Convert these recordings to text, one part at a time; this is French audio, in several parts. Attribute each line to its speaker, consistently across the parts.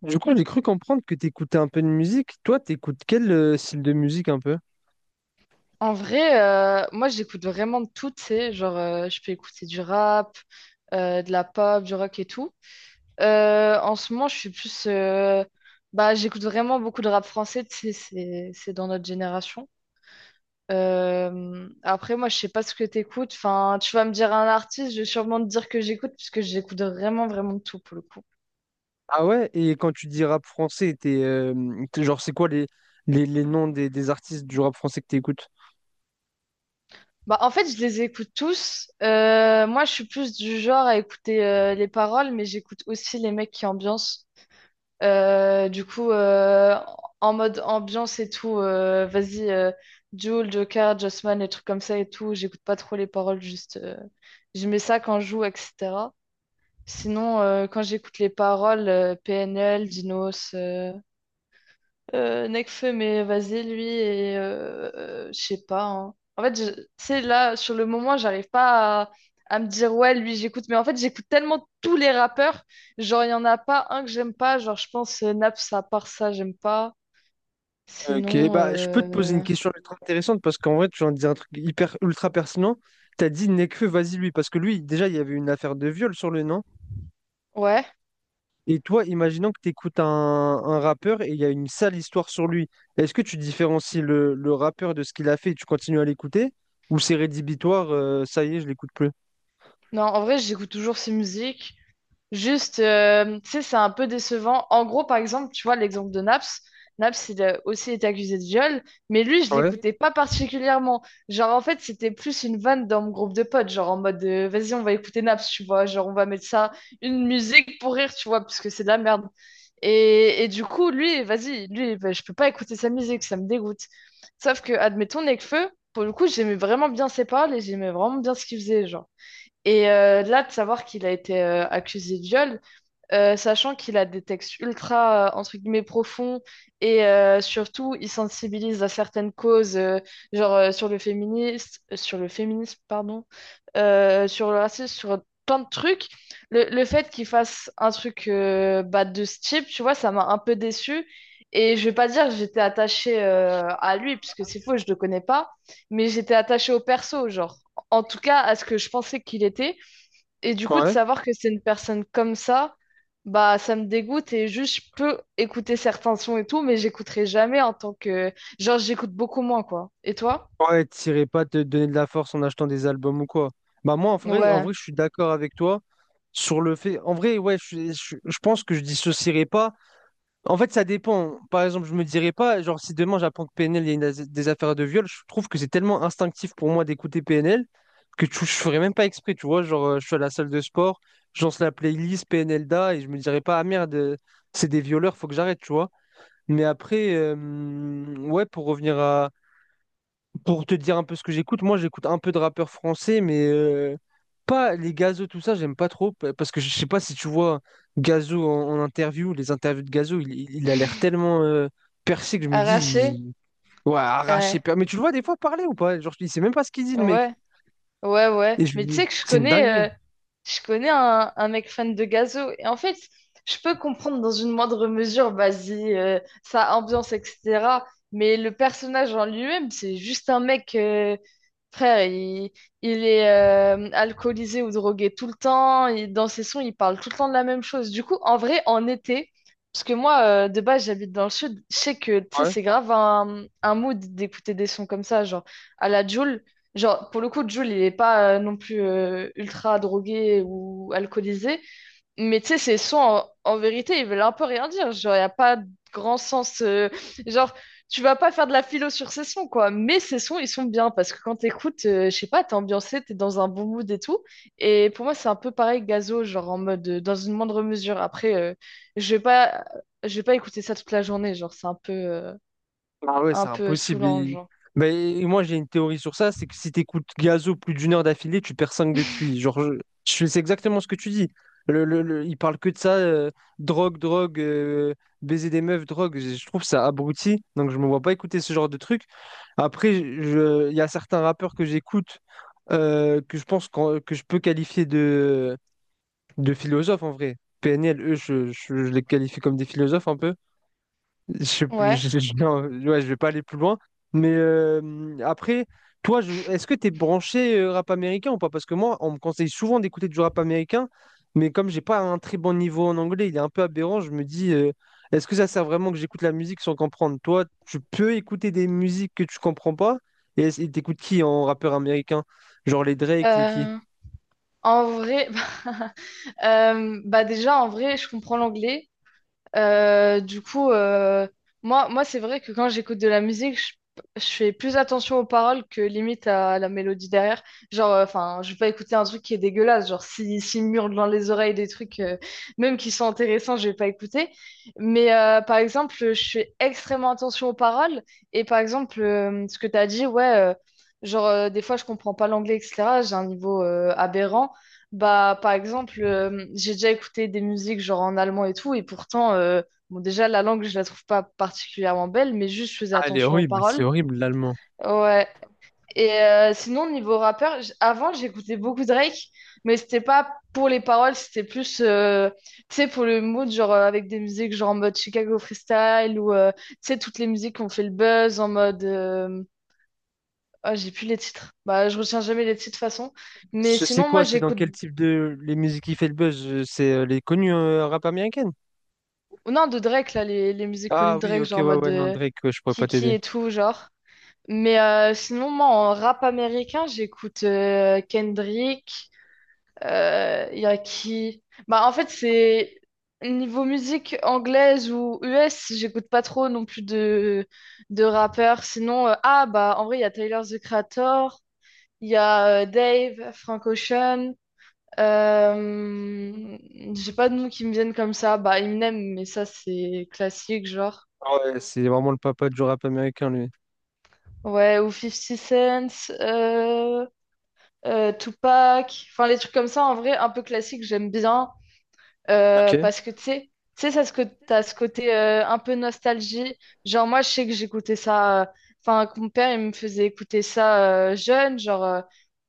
Speaker 1: Du coup, j'ai cru comprendre que t'écoutais un peu de musique. Toi, t'écoutes quel style de musique un peu?
Speaker 2: En vrai, moi j'écoute vraiment de tout, tu sais, genre je peux écouter du rap, de la pop, du rock et tout. En ce moment, je suis plus, bah j'écoute vraiment beaucoup de rap français, tu sais, c'est dans notre génération. Après, moi je sais pas ce que t'écoutes. Enfin, tu vas me dire un artiste, je vais sûrement te dire que j'écoute puisque j'écoute vraiment vraiment de tout pour le coup.
Speaker 1: Ah ouais, et quand tu dis rap français, genre c'est quoi les noms des artistes du rap français que t'écoutes?
Speaker 2: Bah en fait, je les écoute tous. Moi, je suis plus du genre à écouter les paroles, mais j'écoute aussi les mecs qui ambiancent. Du coup, en mode ambiance et tout, vas-y, Jul, Joker, Jossman, les trucs comme ça et tout, j'écoute pas trop les paroles, juste je mets ça quand je joue, etc. Sinon, quand j'écoute les paroles, PNL, Dinos, Nekfeu, mais vas-y, lui, et je sais pas, hein. En fait, tu sais, là, sur le moment, j'arrive pas à me dire, ouais, lui, j'écoute. Mais en fait, j'écoute tellement tous les rappeurs. Genre, il y en a pas un que j'aime pas. Genre, je pense Naps, à part ça, j'aime pas.
Speaker 1: Ok,
Speaker 2: Sinon,
Speaker 1: bah je peux te poser une question ultra intéressante parce qu'en vrai, tu viens de dire un truc hyper ultra pertinent. T'as dit Nekfeu, vas-y lui, parce que lui, déjà, il y avait une affaire de viol sur le nom.
Speaker 2: ouais.
Speaker 1: Et toi, imaginons que tu écoutes un rappeur et il y a une sale histoire sur lui. Est-ce que tu différencies le rappeur de ce qu'il a fait et tu continues à l'écouter? Ou c'est rédhibitoire, ça y est, je l'écoute plus?
Speaker 2: Non, en vrai, j'écoute toujours ses musiques. Juste, tu sais, c'est un peu décevant. En gros, par exemple, tu vois, l'exemple de Naps. Naps, il a aussi été accusé de viol, mais lui, je
Speaker 1: Ouais,
Speaker 2: l'écoutais pas particulièrement. Genre, en fait, c'était plus une vanne dans mon groupe de potes, genre en mode, vas-y, on va écouter Naps, tu vois, genre, on va mettre ça, une musique pour rire, tu vois, parce que c'est de la merde. Et du coup, lui, vas-y, lui, bah, je peux pas écouter sa musique, ça me dégoûte. Sauf que, admettons, Nekfeu, pour le coup, j'aimais vraiment bien ses paroles et j'aimais vraiment bien ce qu'il faisait, genre. Et là, de savoir qu'il a été accusé de viol, sachant qu'il a des textes ultra, entre guillemets, profonds, et surtout, il sensibilise à certaines causes, genre sur le féminisme, pardon, sur le racisme, sur plein de trucs. Le fait qu'il fasse un truc bah, de ce type, tu vois, ça m'a un peu déçue. Et je vais pas dire que j'étais attachée à lui, puisque c'est faux, je le connais pas, mais j'étais attachée au perso, genre, en tout cas, à ce que je pensais qu'il était. Et du coup, de
Speaker 1: ouais.
Speaker 2: savoir que c'est une personne comme ça, bah ça me dégoûte et juste je peux écouter certains sons et tout, mais j'écouterai jamais en tant que... Genre, j'écoute beaucoup moins, quoi. Et toi?
Speaker 1: Ouais, t'irais pas te donner de la force en achetant des albums ou quoi. Bah moi, en
Speaker 2: Ouais.
Speaker 1: vrai, je suis d'accord avec toi sur le fait. En vrai, ouais, je pense que je dissocierais pas. En fait, ça dépend. Par exemple, je me dirais pas, genre, si demain j'apprends que PNL, il y a une des affaires de viol, je trouve que c'est tellement instinctif pour moi d'écouter PNL que je ferais même pas exprès, tu vois. Genre, je suis à la salle de sport, je lance la playlist PNL Da et je me dirais pas, ah merde, c'est des violeurs, faut que j'arrête, tu vois. Mais après, ouais, pour te dire un peu ce que j'écoute, moi j'écoute un peu de rappeurs français, mais pas les Gazo, tout ça, j'aime pas trop. Parce que je sais pas si tu vois Gazo en interview, les interviews de Gazo, il a l'air tellement percé que je me dis,
Speaker 2: Arraché?
Speaker 1: ouais, arraché.
Speaker 2: Ouais.
Speaker 1: Mais tu le vois des fois parler ou pas? Genre, il sait même pas ce qu'il dit, le mec.
Speaker 2: Ouais. Ouais, ouais.
Speaker 1: Et je-
Speaker 2: Mais tu sais que
Speaker 1: c'est une dinguerie.
Speaker 2: je connais un mec fan de Gazo. Et en fait, je peux comprendre dans une moindre mesure, vas-y, sa ambiance, etc. Mais le personnage en lui-même, c'est juste un mec, frère, il est alcoolisé ou drogué tout le temps. Et dans ses sons, il parle tout le temps de la même chose. Du coup, en vrai, en été, parce que moi, de base, j'habite dans le sud, je sais que, tu sais, c'est grave un mood d'écouter des sons comme ça, genre à la Jul. Genre, pour le coup, Jules, il est pas non plus ultra drogué ou alcoolisé, mais tu sais, ses sons, en vérité, ils veulent un peu rien dire. Genre, il n'y a pas de grand sens. Genre, tu vas pas faire de la philo sur ses sons, quoi. Mais ses sons, ils sont bien parce que quand t'écoutes, je sais pas, t'es ambiancé, t'es dans un bon mood et tout. Et pour moi, c'est un peu pareil que Gazo, genre en mode, dans une moindre mesure. Après, je vais pas, je vais pas écouter ça toute la journée, genre, c'est un peu, euh,
Speaker 1: Ah ouais,
Speaker 2: un
Speaker 1: c'est
Speaker 2: peu
Speaker 1: impossible.
Speaker 2: saoulant, genre.
Speaker 1: Mais moi, j'ai une théorie sur ça, c'est que si t'écoutes Gazo plus d'une heure d'affilée, tu perds 5 de QI. Genre, c'est exactement ce que tu dis. Il parle que de ça, drogue, drogue, baiser des meufs, drogue. Je trouve ça abruti, donc je me vois pas écouter ce genre de truc. Après, il y a certains rappeurs que j'écoute que je pense que je peux qualifier de philosophes en vrai. PNL, eux, je les qualifie comme des philosophes un peu. Je sais plus,
Speaker 2: Ouais.
Speaker 1: non, ouais, je vais pas aller plus loin. Mais après, toi, est-ce que tu es branché rap américain ou pas? Parce que moi, on me conseille souvent d'écouter du rap américain, mais comme j'ai pas un très bon niveau en anglais, il est un peu aberrant, je me dis, est-ce que ça sert vraiment que j'écoute la musique sans comprendre? Toi, tu peux écouter des musiques que tu comprends pas, et et t'écoutes qui en rappeur américain? Genre les Drake, les qui?
Speaker 2: Euh, en vrai. Bah déjà, en vrai, je comprends l'anglais. Du coup, moi c'est vrai que quand j'écoute de la musique, je fais plus attention aux paroles que limite à la mélodie derrière. Genre, enfin, je vais pas écouter un truc qui est dégueulasse. Genre, si, s'il me hurle dans les oreilles des trucs, même qui sont intéressants, je vais pas écouter. Mais par exemple, je fais extrêmement attention aux paroles. Et par exemple, ce que tu as dit, ouais, genre, des fois, je comprends pas l'anglais, etc. J'ai un niveau aberrant. Bah, par exemple, j'ai déjà écouté des musiques genre en allemand et tout, et pourtant, bon, déjà, la langue, je la trouve pas particulièrement belle, mais juste, je faisais
Speaker 1: Ah, elle est
Speaker 2: attention aux
Speaker 1: horrible, c'est
Speaker 2: paroles.
Speaker 1: horrible l'allemand.
Speaker 2: Ouais. Et sinon, niveau rappeur, avant, j'écoutais beaucoup Drake, mais c'était pas pour les paroles, c'était plus, tu sais, pour le mood, genre avec des musiques genre en mode Chicago Freestyle ou, tu sais, toutes les musiques qui ont fait le buzz en mode. Ah, j'ai plus les titres. Bah, je retiens jamais les titres de toute façon. Mais
Speaker 1: Je sais
Speaker 2: sinon, moi,
Speaker 1: quoi, c'est dans
Speaker 2: j'écoute.
Speaker 1: quel type de les musiques qui fait le buzz? C'est les connus rap américaines?
Speaker 2: Ou non, de Drake, là, les musiques connues
Speaker 1: Ah
Speaker 2: de
Speaker 1: oui,
Speaker 2: Drake,
Speaker 1: ok,
Speaker 2: genre
Speaker 1: ouais,
Speaker 2: en mode
Speaker 1: ouais, non, Drake, ouais, je pourrais pas
Speaker 2: Kiki
Speaker 1: t'aider.
Speaker 2: et tout, genre. Mais sinon, moi, en rap américain, j'écoute Kendrick, y a qui... Bah, en fait, c'est... Niveau musique anglaise ou US, j'écoute pas trop non plus de rappeurs. Sinon, ah, bah, en vrai, il y a Tyler, The Creator, il y a Dave, Frank Ocean, euh, j'ai pas de noms qui me viennent comme ça. Bah, Eminem, mais ça, c'est classique, genre.
Speaker 1: Ah ouais, c'est vraiment le papa du rap américain, lui.
Speaker 2: Ouais, ou Fifty Cent, euh, Tupac. Enfin, les trucs comme ça, en vrai, un peu classique, j'aime bien.
Speaker 1: Ok.
Speaker 2: Parce que, tu sais, ça, ce que t'as ce côté un peu nostalgie. Genre, moi, je sais que j'écoutais ça. Enfin, que mon père, il me faisait écouter ça jeune, genre.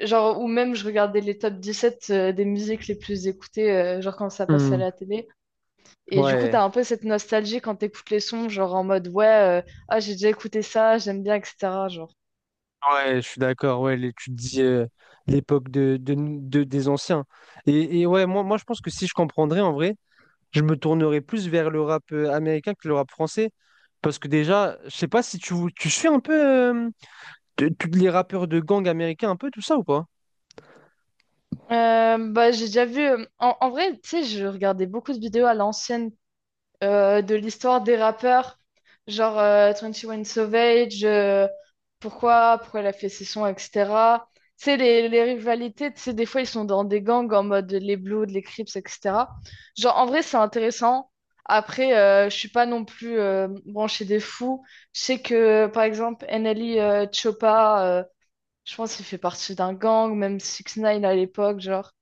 Speaker 2: Genre, ou même je regardais les top 17 des musiques les plus écoutées, genre quand ça passait à
Speaker 1: Hmm,
Speaker 2: la télé. Et du coup, t'as
Speaker 1: ouais,
Speaker 2: un peu cette nostalgie quand t'écoutes les sons, genre en mode ouais, ah, j'ai déjà écouté ça, j'aime bien, etc. Genre.
Speaker 1: ouais, je suis d'accord, ouais, tu te dis l'époque des anciens. Et ouais, moi, je pense que si je comprendrais, en vrai, je me tournerais plus vers le rap américain que le rap français. Parce que déjà, je sais pas si tu suis un peu euh, tous les rappeurs de gang américains, un peu tout ça ou pas?
Speaker 2: Bah, j'ai déjà vu. En vrai, tu sais, je regardais beaucoup de vidéos à l'ancienne de l'histoire des rappeurs, genre twenty One Savage, pourquoi elle a fait ses sons, etc. Tu sais, les rivalités, tu sais, des fois, ils sont dans des gangs en mode les Bloods, les Crips, etc. Genre, en vrai, c'est intéressant. Après, je suis pas non plus branchée des fous. Je sais que, par exemple, NLE Choppa, je pense qu'il fait partie d'un gang, même Six Nine à l'époque, genre.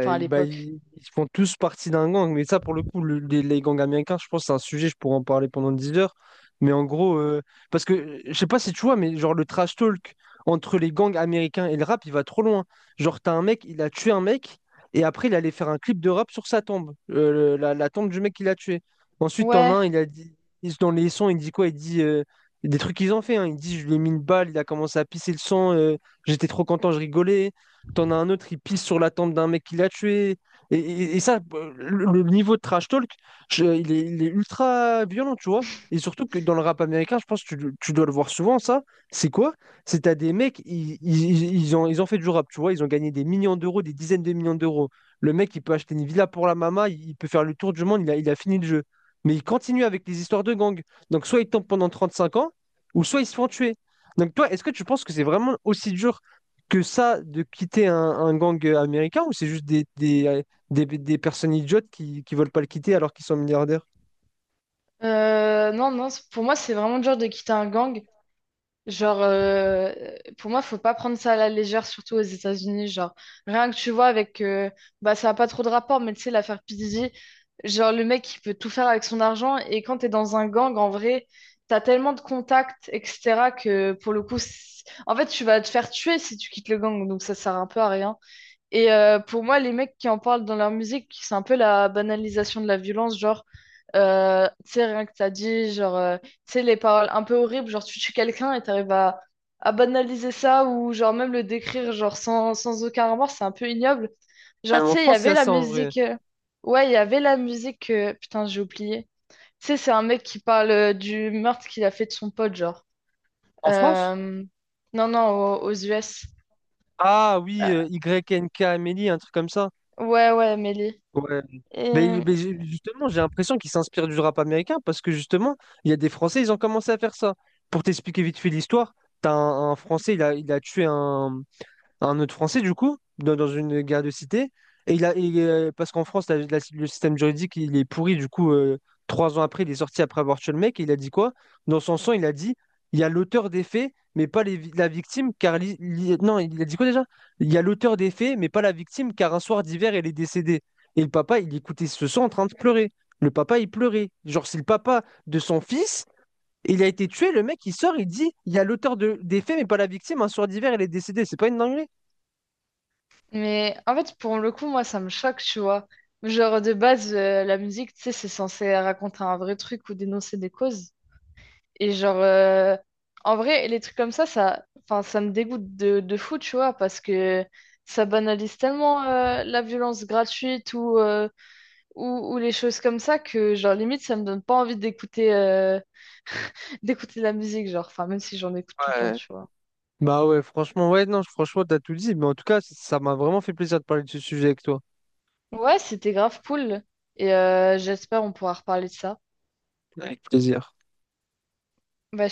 Speaker 2: Enfin, à
Speaker 1: bah,
Speaker 2: l'époque.
Speaker 1: ils font tous partie d'un gang, mais ça, pour le coup, les gangs américains, je pense que c'est un sujet, je pourrais en parler pendant 10 heures. Mais en gros, parce que je sais pas si tu vois, mais genre le trash talk entre les gangs américains et le rap, il va trop loin. Genre, t'as un mec, il a tué un mec, et après, il allait faire un clip de rap sur sa tombe, la tombe du mec qu'il a tué. Ensuite, t'en as
Speaker 2: Ouais.
Speaker 1: un, il a dit, dans les sons, il dit quoi? Il dit des trucs qu'ils ont fait, hein. Il dit, je lui ai mis une balle, il a commencé à pisser le sang, j'étais trop content, je rigolais. T'en as un autre, il pisse sur la tente d'un mec qui l'a tué. Et ça, le niveau de trash talk, il est ultra violent, tu vois. Et surtout que dans le rap américain, je pense que tu dois le voir souvent, ça. C'est quoi? C'est t'as des mecs, ils ont fait du rap, tu vois. Ils ont gagné des millions d'euros, des dizaines de millions d'euros. Le mec, il peut acheter une villa pour la mama, il peut faire le tour du monde, il a fini le jeu. Mais il continue avec les histoires de gang. Donc soit il tombe pendant 35 ans, ou soit ils se font tuer. Donc toi, est-ce que tu penses que c'est vraiment aussi dur que ça de quitter un gang américain ou c'est juste des personnes idiotes qui ne veulent pas le quitter alors qu'ils sont milliardaires?
Speaker 2: Non, non, pour moi, c'est vraiment dur de quitter un gang. Genre, pour moi, faut pas prendre ça à la légère, surtout aux États-Unis. Genre, rien que tu vois avec, bah, ça a pas trop de rapport, mais tu sais, l'affaire P. Diddy, genre, le mec, il peut tout faire avec son argent. Et quand t'es dans un gang, en vrai, t'as tellement de contacts, etc., que pour le coup, en fait, tu vas te faire tuer si tu quittes le gang. Donc, ça sert un peu à rien. Et pour moi, les mecs qui en parlent dans leur musique, c'est un peu la banalisation de la violence, genre, tu sais, rien que t'as dit, genre, tu sais, les paroles un peu horribles, genre, tu tues quelqu'un et t'arrives à banaliser ça, ou genre, même le décrire, genre, sans aucun remords, c'est un peu ignoble. Genre,
Speaker 1: Même
Speaker 2: tu
Speaker 1: en
Speaker 2: sais, il y
Speaker 1: France, il y
Speaker 2: avait
Speaker 1: a
Speaker 2: la
Speaker 1: ça en vrai.
Speaker 2: musique, ouais, il y avait la musique, putain, j'ai oublié. Tu sais, c'est un mec qui parle du meurtre qu'il a fait de son pote, genre.
Speaker 1: En France?
Speaker 2: Euh, Non, non, aux US.
Speaker 1: Ah oui,
Speaker 2: Euh,
Speaker 1: YNK Amélie, un truc comme ça.
Speaker 2: ouais, ouais, Mélie.
Speaker 1: Ouais. Mais,
Speaker 2: Et...
Speaker 1: mais justement, j'ai l'impression qu'ils s'inspirent du rap américain parce que justement, il y a des Français, ils ont commencé à faire ça. Pour t'expliquer vite fait l'histoire, t'as un Français, il a tué un autre Français, du coup, dans une guerre de cité. Parce qu'en France, le système juridique, il est pourri. Du coup, 3 ans après, il est sorti après avoir tué le mec. Et il a dit quoi? Dans son sang, il a dit, il y a l'auteur des faits, mais pas la victime, car... non, il a dit quoi déjà? Il y a l'auteur des faits, mais pas la victime, car un soir d'hiver, elle est décédée. Et le papa, il écoutait ce sang en train de pleurer. Le papa, il pleurait. Genre, c'est le papa de son fils. Il a été tué, le mec il sort, il dit, il y a l'auteur des faits, mais pas la victime, un soir d'hiver, elle est décédée. C'est pas une dinguerie?
Speaker 2: Mais en fait, pour le coup, moi, ça me choque, tu vois. Genre, de base, la musique, tu sais, c'est censé raconter un vrai truc ou dénoncer des causes. Et genre, en vrai, les trucs comme ça, enfin, ça me dégoûte de fou, tu vois, parce que ça banalise tellement la violence gratuite ou les choses comme ça que, genre, limite, ça me donne pas envie d'écouter d'écouter de la musique, genre, enfin, même si j'en écoute tout le temps,
Speaker 1: Ouais.
Speaker 2: tu vois.
Speaker 1: Bah ouais, franchement, ouais, non, franchement, t'as tout dit. Mais en tout cas, ça m'a vraiment fait plaisir de parler de ce sujet avec toi.
Speaker 2: Ouais, c'était grave cool. Et j'espère on pourra reparler de ça.
Speaker 1: Avec plaisir.
Speaker 2: Bah,